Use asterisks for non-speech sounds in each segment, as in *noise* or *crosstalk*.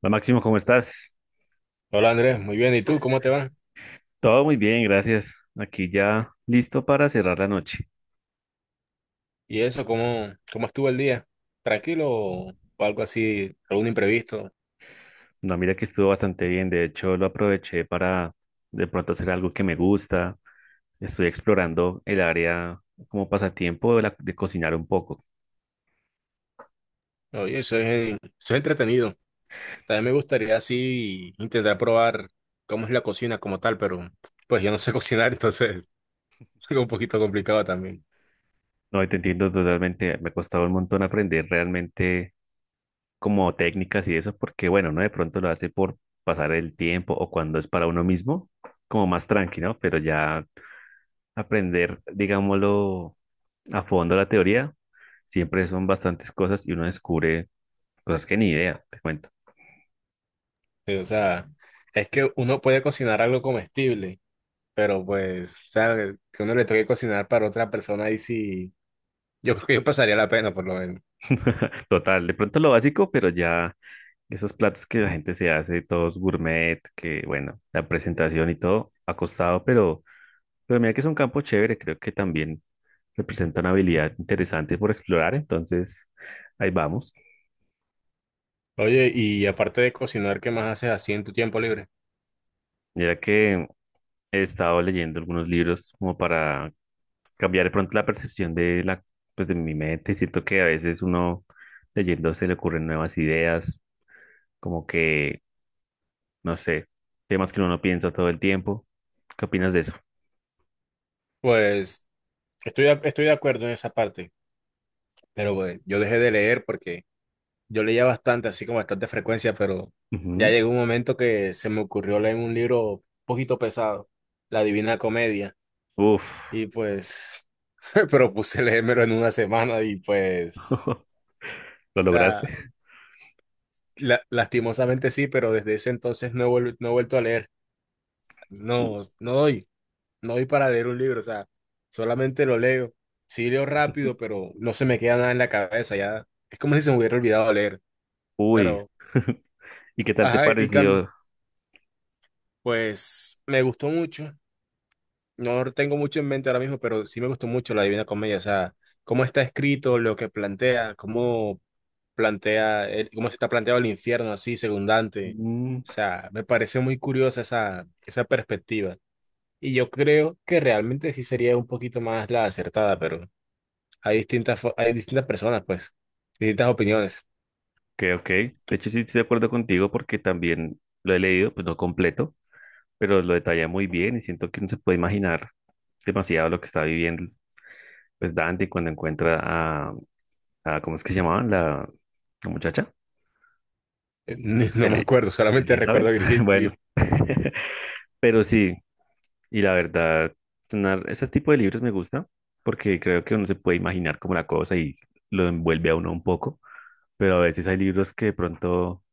Hola Máximo, ¿cómo estás? Hola Andrés, muy bien. ¿Y tú cómo te va? Todo muy bien, gracias. Aquí ya listo para cerrar la noche. ¿Y eso cómo estuvo el día? ¿Tranquilo o algo así, algún imprevisto? No, mira que estuvo bastante bien. De hecho, lo aproveché para de pronto hacer algo que me gusta. Estoy explorando el área como pasatiempo de cocinar un poco. Oye, eso es entretenido. También me gustaría así intentar probar cómo es la cocina como tal, pero pues yo no sé *laughs* cocinar, entonces *laughs* es un poquito complicado también. No, y te entiendo totalmente. Me ha costado un montón aprender realmente como técnicas y eso, porque bueno, no de pronto lo hace por pasar el tiempo o cuando es para uno mismo, como más tranqui, ¿no? Pero ya aprender, digámoslo, a fondo la teoría, siempre son bastantes cosas y uno descubre cosas que ni idea, te cuento. Sí, o sea, es que uno puede cocinar algo comestible, pero pues, o sea, que uno le toque cocinar para otra persona ahí sí, yo creo que yo pasaría la pena por lo menos. *laughs* Total, de pronto lo básico, pero ya esos platos que la gente se hace, todos gourmet, que bueno, la presentación y todo ha costado, pero mira que es un campo chévere, creo que también representa una habilidad interesante por explorar, entonces ahí vamos. Oye, y aparte de cocinar, ¿qué más haces así en tu tiempo libre? Mira que he estado leyendo algunos libros como para cambiar de pronto la percepción pues de mi mente. Siento que a veces uno leyendo se le ocurren nuevas ideas, como que, no sé, temas que uno no piensa todo el tiempo. ¿Qué opinas de eso? Pues estoy de acuerdo en esa parte, pero pues, yo dejé de leer porque yo leía bastante, así como bastante frecuencia, pero ya Ujú. llegó un momento que se me ocurrió leer un libro un poquito pesado, La Divina Comedia, Uf. y pues *laughs* propuse leérmelo en una semana y pues, *laughs* ¿Lo o lograste? sea, lastimosamente sí, pero desde ese entonces no he vuelto a leer, U- no, no doy. No voy para leer un libro, o sea, solamente lo leo. Sí leo rápido, pero no se me queda nada en la cabeza, ya. Es como si se me hubiera olvidado leer, Uy. pero, *laughs* ¿Y qué tal te ajá, y Cam, pareció? pues me gustó mucho. No tengo mucho en mente ahora mismo, pero sí me gustó mucho la Divina Comedia, o sea, cómo está escrito, lo que plantea, cómo plantea, cómo se está planteado el infierno así, según Dante. O Mm. sea, me parece muy curiosa esa perspectiva. Y yo creo que realmente sí sería un poquito más la acertada, pero hay distintas personas, pues, distintas opiniones. Ok, ok. De hecho, *laughs* sí estoy de acuerdo contigo porque también lo he leído, pues no completo, pero lo detalla muy bien y siento que uno se puede imaginar demasiado lo que está viviendo pues Dante cuando encuentra a, ¿cómo es que se llamaba? La muchacha, No me Eli- acuerdo, solamente recuerdo Elizabeth. a *laughs* Virgilio. Bueno, *laughs* pero sí, y la verdad, ese tipo de libros me gusta porque creo que uno se puede imaginar como la cosa y lo envuelve a uno un poco, pero a veces hay libros que de pronto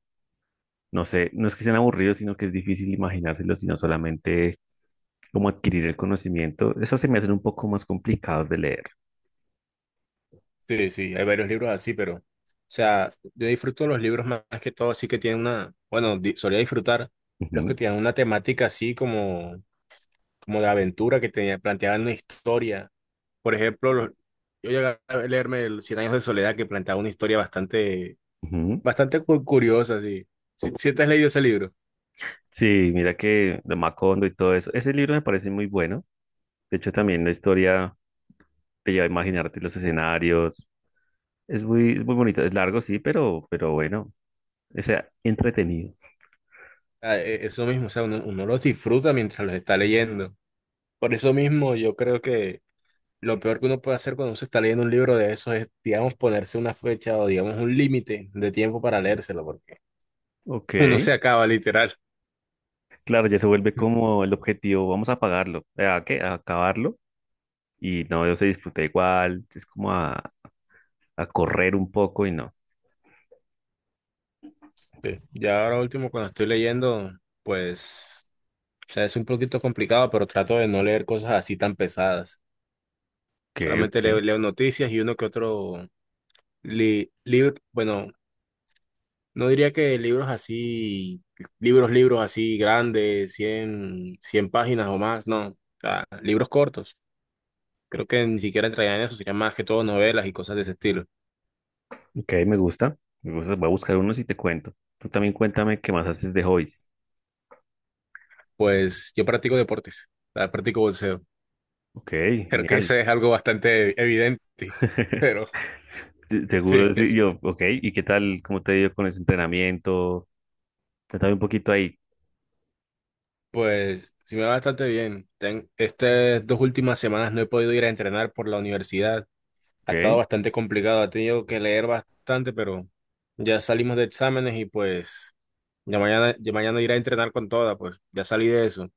no sé, no es que sean aburridos, sino que es difícil imaginárselos, sino solamente como adquirir el conocimiento. Eso se me hacen un poco más complicados de leer. Sí, sí, hay varios libros así, pero, o sea, yo disfruto los libros más que todo, así que tienen una, bueno, solía disfrutar los Ujú, que tienen una temática así como de aventura, que tenía, planteaban una historia. Por ejemplo, yo llegué a leerme el Cien años de soledad, que planteaba una historia bastante, ujú. bastante curiosa, así. Si te has leído ese libro. Sí, mira que de Macondo y todo eso. Ese libro me parece muy bueno. De hecho, también la historia te lleva a imaginarte los escenarios. Es es muy bonito. Es largo, sí, pero bueno, o sea, entretenido. Ah, eso mismo, o sea, uno los disfruta mientras los está leyendo. Por eso mismo yo creo que lo peor que uno puede hacer cuando uno se está leyendo un libro de esos es, digamos, ponerse una fecha o, digamos, un límite de tiempo para leérselo, porque Ok, *laughs* uno se acaba literal. claro, ya se vuelve como el objetivo, vamos a pagarlo, ¿a qué? A acabarlo. Y no, yo se disfruté igual, es como a correr un poco y no. Sí. Ya ahora último, cuando estoy leyendo, pues, o sea, es un poquito complicado, pero trato de no leer cosas así tan pesadas. Ok, Solamente ok, leo noticias y uno que otro libro, bueno, no diría que libros así, libros así grandes, cien páginas o más, no, o sea, libros cortos. Creo que ni siquiera entrarían en eso, serían más que todo novelas y cosas de ese estilo. ok, me gusta, voy a buscar unos y te cuento. Tú también cuéntame qué más haces de hobbies. Pues yo practico deportes, ah, practico bolseo. Ok, *laughs* Creo que genial. eso es algo bastante evidente, *laughs* pero *laughs* sí, Seguro, sí, yo, ok, ¿y qué tal, cómo te ha ido con ese entrenamiento? Cuéntame un poquito ahí, pues sí me va bastante bien. Estas 2 últimas semanas no he podido ir a entrenar por la universidad. Ha estado ok. bastante complicado, he tenido que leer bastante, pero ya salimos de exámenes y pues ya mañana iré a entrenar con toda, pues ya salí de eso.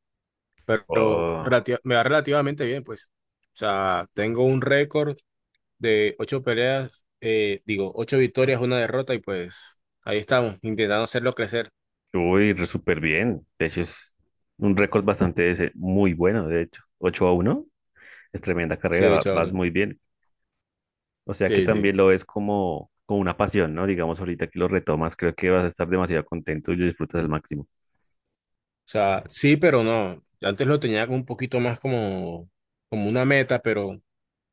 Pero Oh, me va relativamente bien, pues. O sea, tengo un récord de 8 peleas, digo, 8 victorias, 1 derrota, y pues ahí estamos, intentando hacerlo crecer. uy, re súper bien, de hecho es un récord bastante, muy bueno, de hecho, 8 a uno es tremenda Sí, carrera, de hecho, vas muy bien. O sea que sí, también sí. lo ves como, como una pasión, ¿no? Digamos, ahorita que lo retomas, creo que vas a estar demasiado contento y lo disfrutas al máximo. O sea, sí, pero no. Antes lo tenía como un poquito más como una meta, pero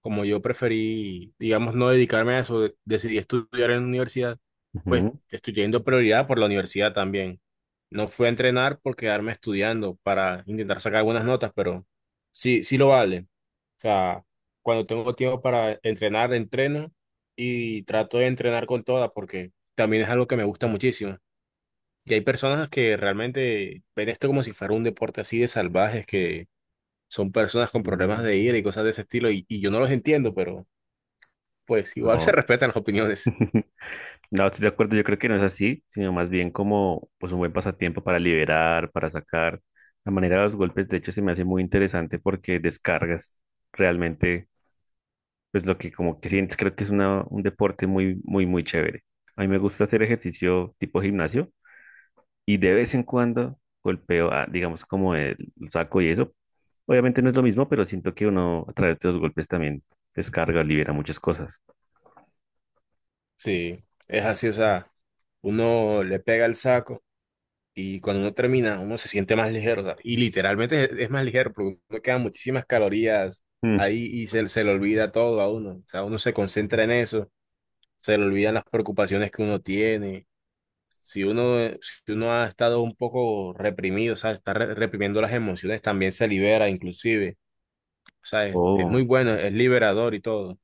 como yo preferí, digamos, no dedicarme a eso, decidí estudiar en la universidad, pues Ujú. estoy teniendo prioridad por la universidad también. No fui a entrenar por quedarme estudiando para intentar sacar buenas notas, pero sí, sí lo vale. O sea, cuando tengo tiempo para entrenar, entreno y trato de entrenar con todas porque también es algo que me gusta muchísimo. Y hay personas que realmente ven esto como si fuera un deporte así de salvajes, que son personas con problemas Mm. de ira y cosas de ese estilo, y yo no los entiendo, pero pues igual *laughs* se No, respetan las opiniones. *laughs* no, estoy de acuerdo, yo creo que no es así, sino más bien como pues un buen pasatiempo para liberar, para sacar. La manera de los golpes, de hecho, se me hace muy interesante porque descargas realmente pues lo que como que sientes, creo que es una, un deporte muy chévere. A mí me gusta hacer ejercicio tipo gimnasio y de vez en cuando golpeo a, digamos, como el saco y eso. Obviamente no es lo mismo, pero siento que uno a través de los golpes también descarga, libera muchas cosas. Sí, es así, o sea, uno le pega el saco y cuando uno termina, uno se siente más ligero, o sea, y literalmente es más ligero, porque uno quedan muchísimas calorías Mm. ahí y se le olvida todo a uno, o sea, uno se concentra en eso, se le olvidan las preocupaciones que uno tiene si uno ha estado un poco reprimido, o sea, está reprimiendo las emociones, también se libera inclusive. O sea, es Oh, muy bueno, es liberador y todo.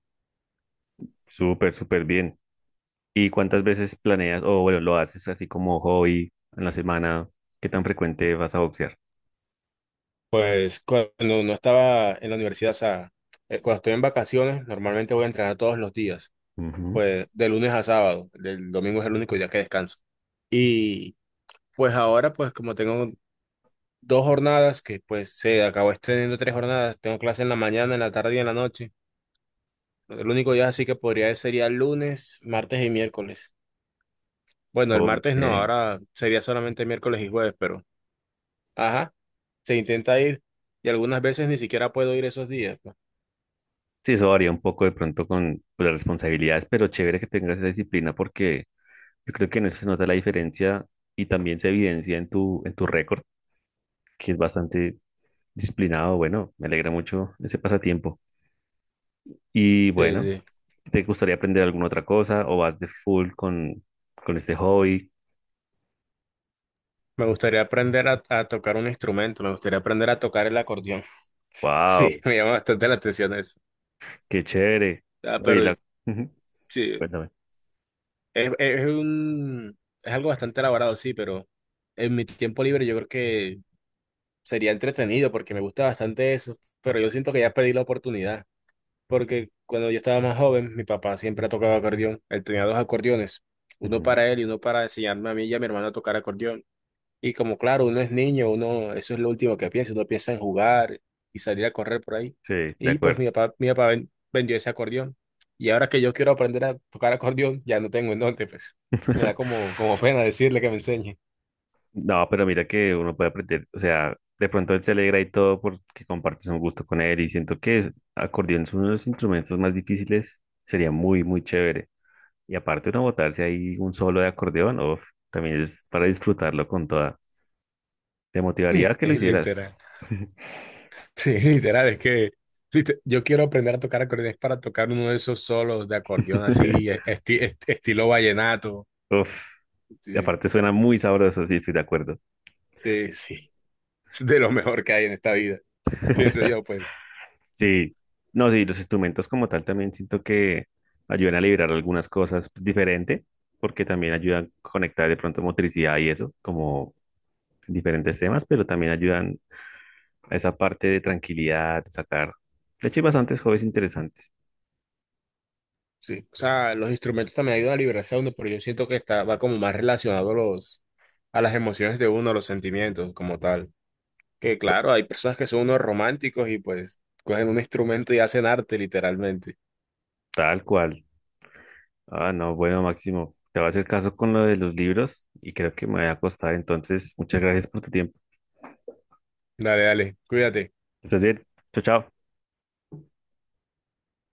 súper, súper bien. ¿Y cuántas veces planeas, o bueno, lo haces así como hobby en la semana? ¿Qué tan frecuente vas a boxear? Pues cuando no estaba en la universidad, o sea, cuando estoy en vacaciones, normalmente voy a entrenar todos los días, Ujú. pues de lunes a sábado, el domingo es el único día que descanso. Y pues ahora, pues como tengo 2 jornadas, que pues se acabó extendiendo 3 jornadas, tengo clase en la mañana, en la tarde y en la noche. El único día así que podría sería lunes, martes y miércoles. Bueno, el Ok. martes no, ahora sería solamente miércoles y jueves, pero ajá, se intenta ir y algunas veces ni siquiera puedo ir esos días, pues. Sí, eso varía un poco de pronto con pues, las responsabilidades, pero chévere que tengas esa disciplina porque yo creo que en eso se nota la diferencia y también se evidencia en tu récord, que es bastante disciplinado. Bueno, me alegra mucho ese pasatiempo. Y Sí, bueno, sí. ¿te gustaría aprender alguna otra cosa o vas de con este hobby? Me gustaría aprender a tocar un instrumento, me gustaría aprender a tocar el acordeón. *laughs* Sí, ¡Wow! me llama bastante la atención eso. ¡Qué chévere! Ah, pero Oye, la... Ujú. sí, Cuéntame. es, es un, es algo bastante elaborado, sí, pero en mi tiempo libre yo creo que sería entretenido porque me gusta bastante eso, pero yo siento que ya pedí la oportunidad. Porque cuando yo estaba más joven, mi papá siempre tocaba acordeón. Él tenía 2 acordeones, uno Ujú. para él y uno para enseñarme a mí y a mi hermano a tocar acordeón. Y como claro, uno es niño, uno, eso es lo último que piensa, uno piensa en jugar y salir a correr por ahí. Sí, de Y pues acuerdo. mi papá vendió ese acordeón. Y ahora que yo quiero aprender a tocar acordeón, ya no tengo en dónde, pues. Me da *laughs* como pena decirle que me enseñe. No, pero mira que uno puede aprender, o sea, de pronto él se alegra y todo porque compartes un gusto con él y siento que acordeón es uno de los instrumentos más difíciles, sería muy, muy chévere. Y aparte uno botarse ahí un solo de acordeón, uf, también es para disfrutarlo con toda. Te motivaría a *laughs* que lo hicieras. Literal. *laughs* Sí, *laughs* literal, es que yo quiero aprender a tocar acordeón es para tocar uno de esos solos de acordeón así, estilo vallenato. Uf, y Sí, aparte suena muy sabroso, sí, estoy de acuerdo. sí, sí. *laughs* Es de lo mejor que hay en esta vida, pienso *laughs* yo, pues. Sí, no, sí, los instrumentos como tal también siento que ayudan a liberar algunas cosas diferente, porque también ayudan a conectar de pronto motricidad y eso, como diferentes temas, pero también ayudan a esa parte de tranquilidad, de sacar. De hecho, hay bastantes hobbies interesantes. Sí, o sea, los instrumentos también ayudan a liberarse a uno, pero yo siento que está, va como más relacionado a las emociones de uno, a los sentimientos como tal. Que claro, hay personas que son unos románticos y pues cogen un instrumento y hacen arte literalmente. Tal cual. Ah, no, bueno, Máximo, te voy a hacer caso con lo de los libros y creo que me voy a acostar. Entonces, muchas gracias por tu tiempo. Dale, dale, cuídate. Estás bien. Chao, chao.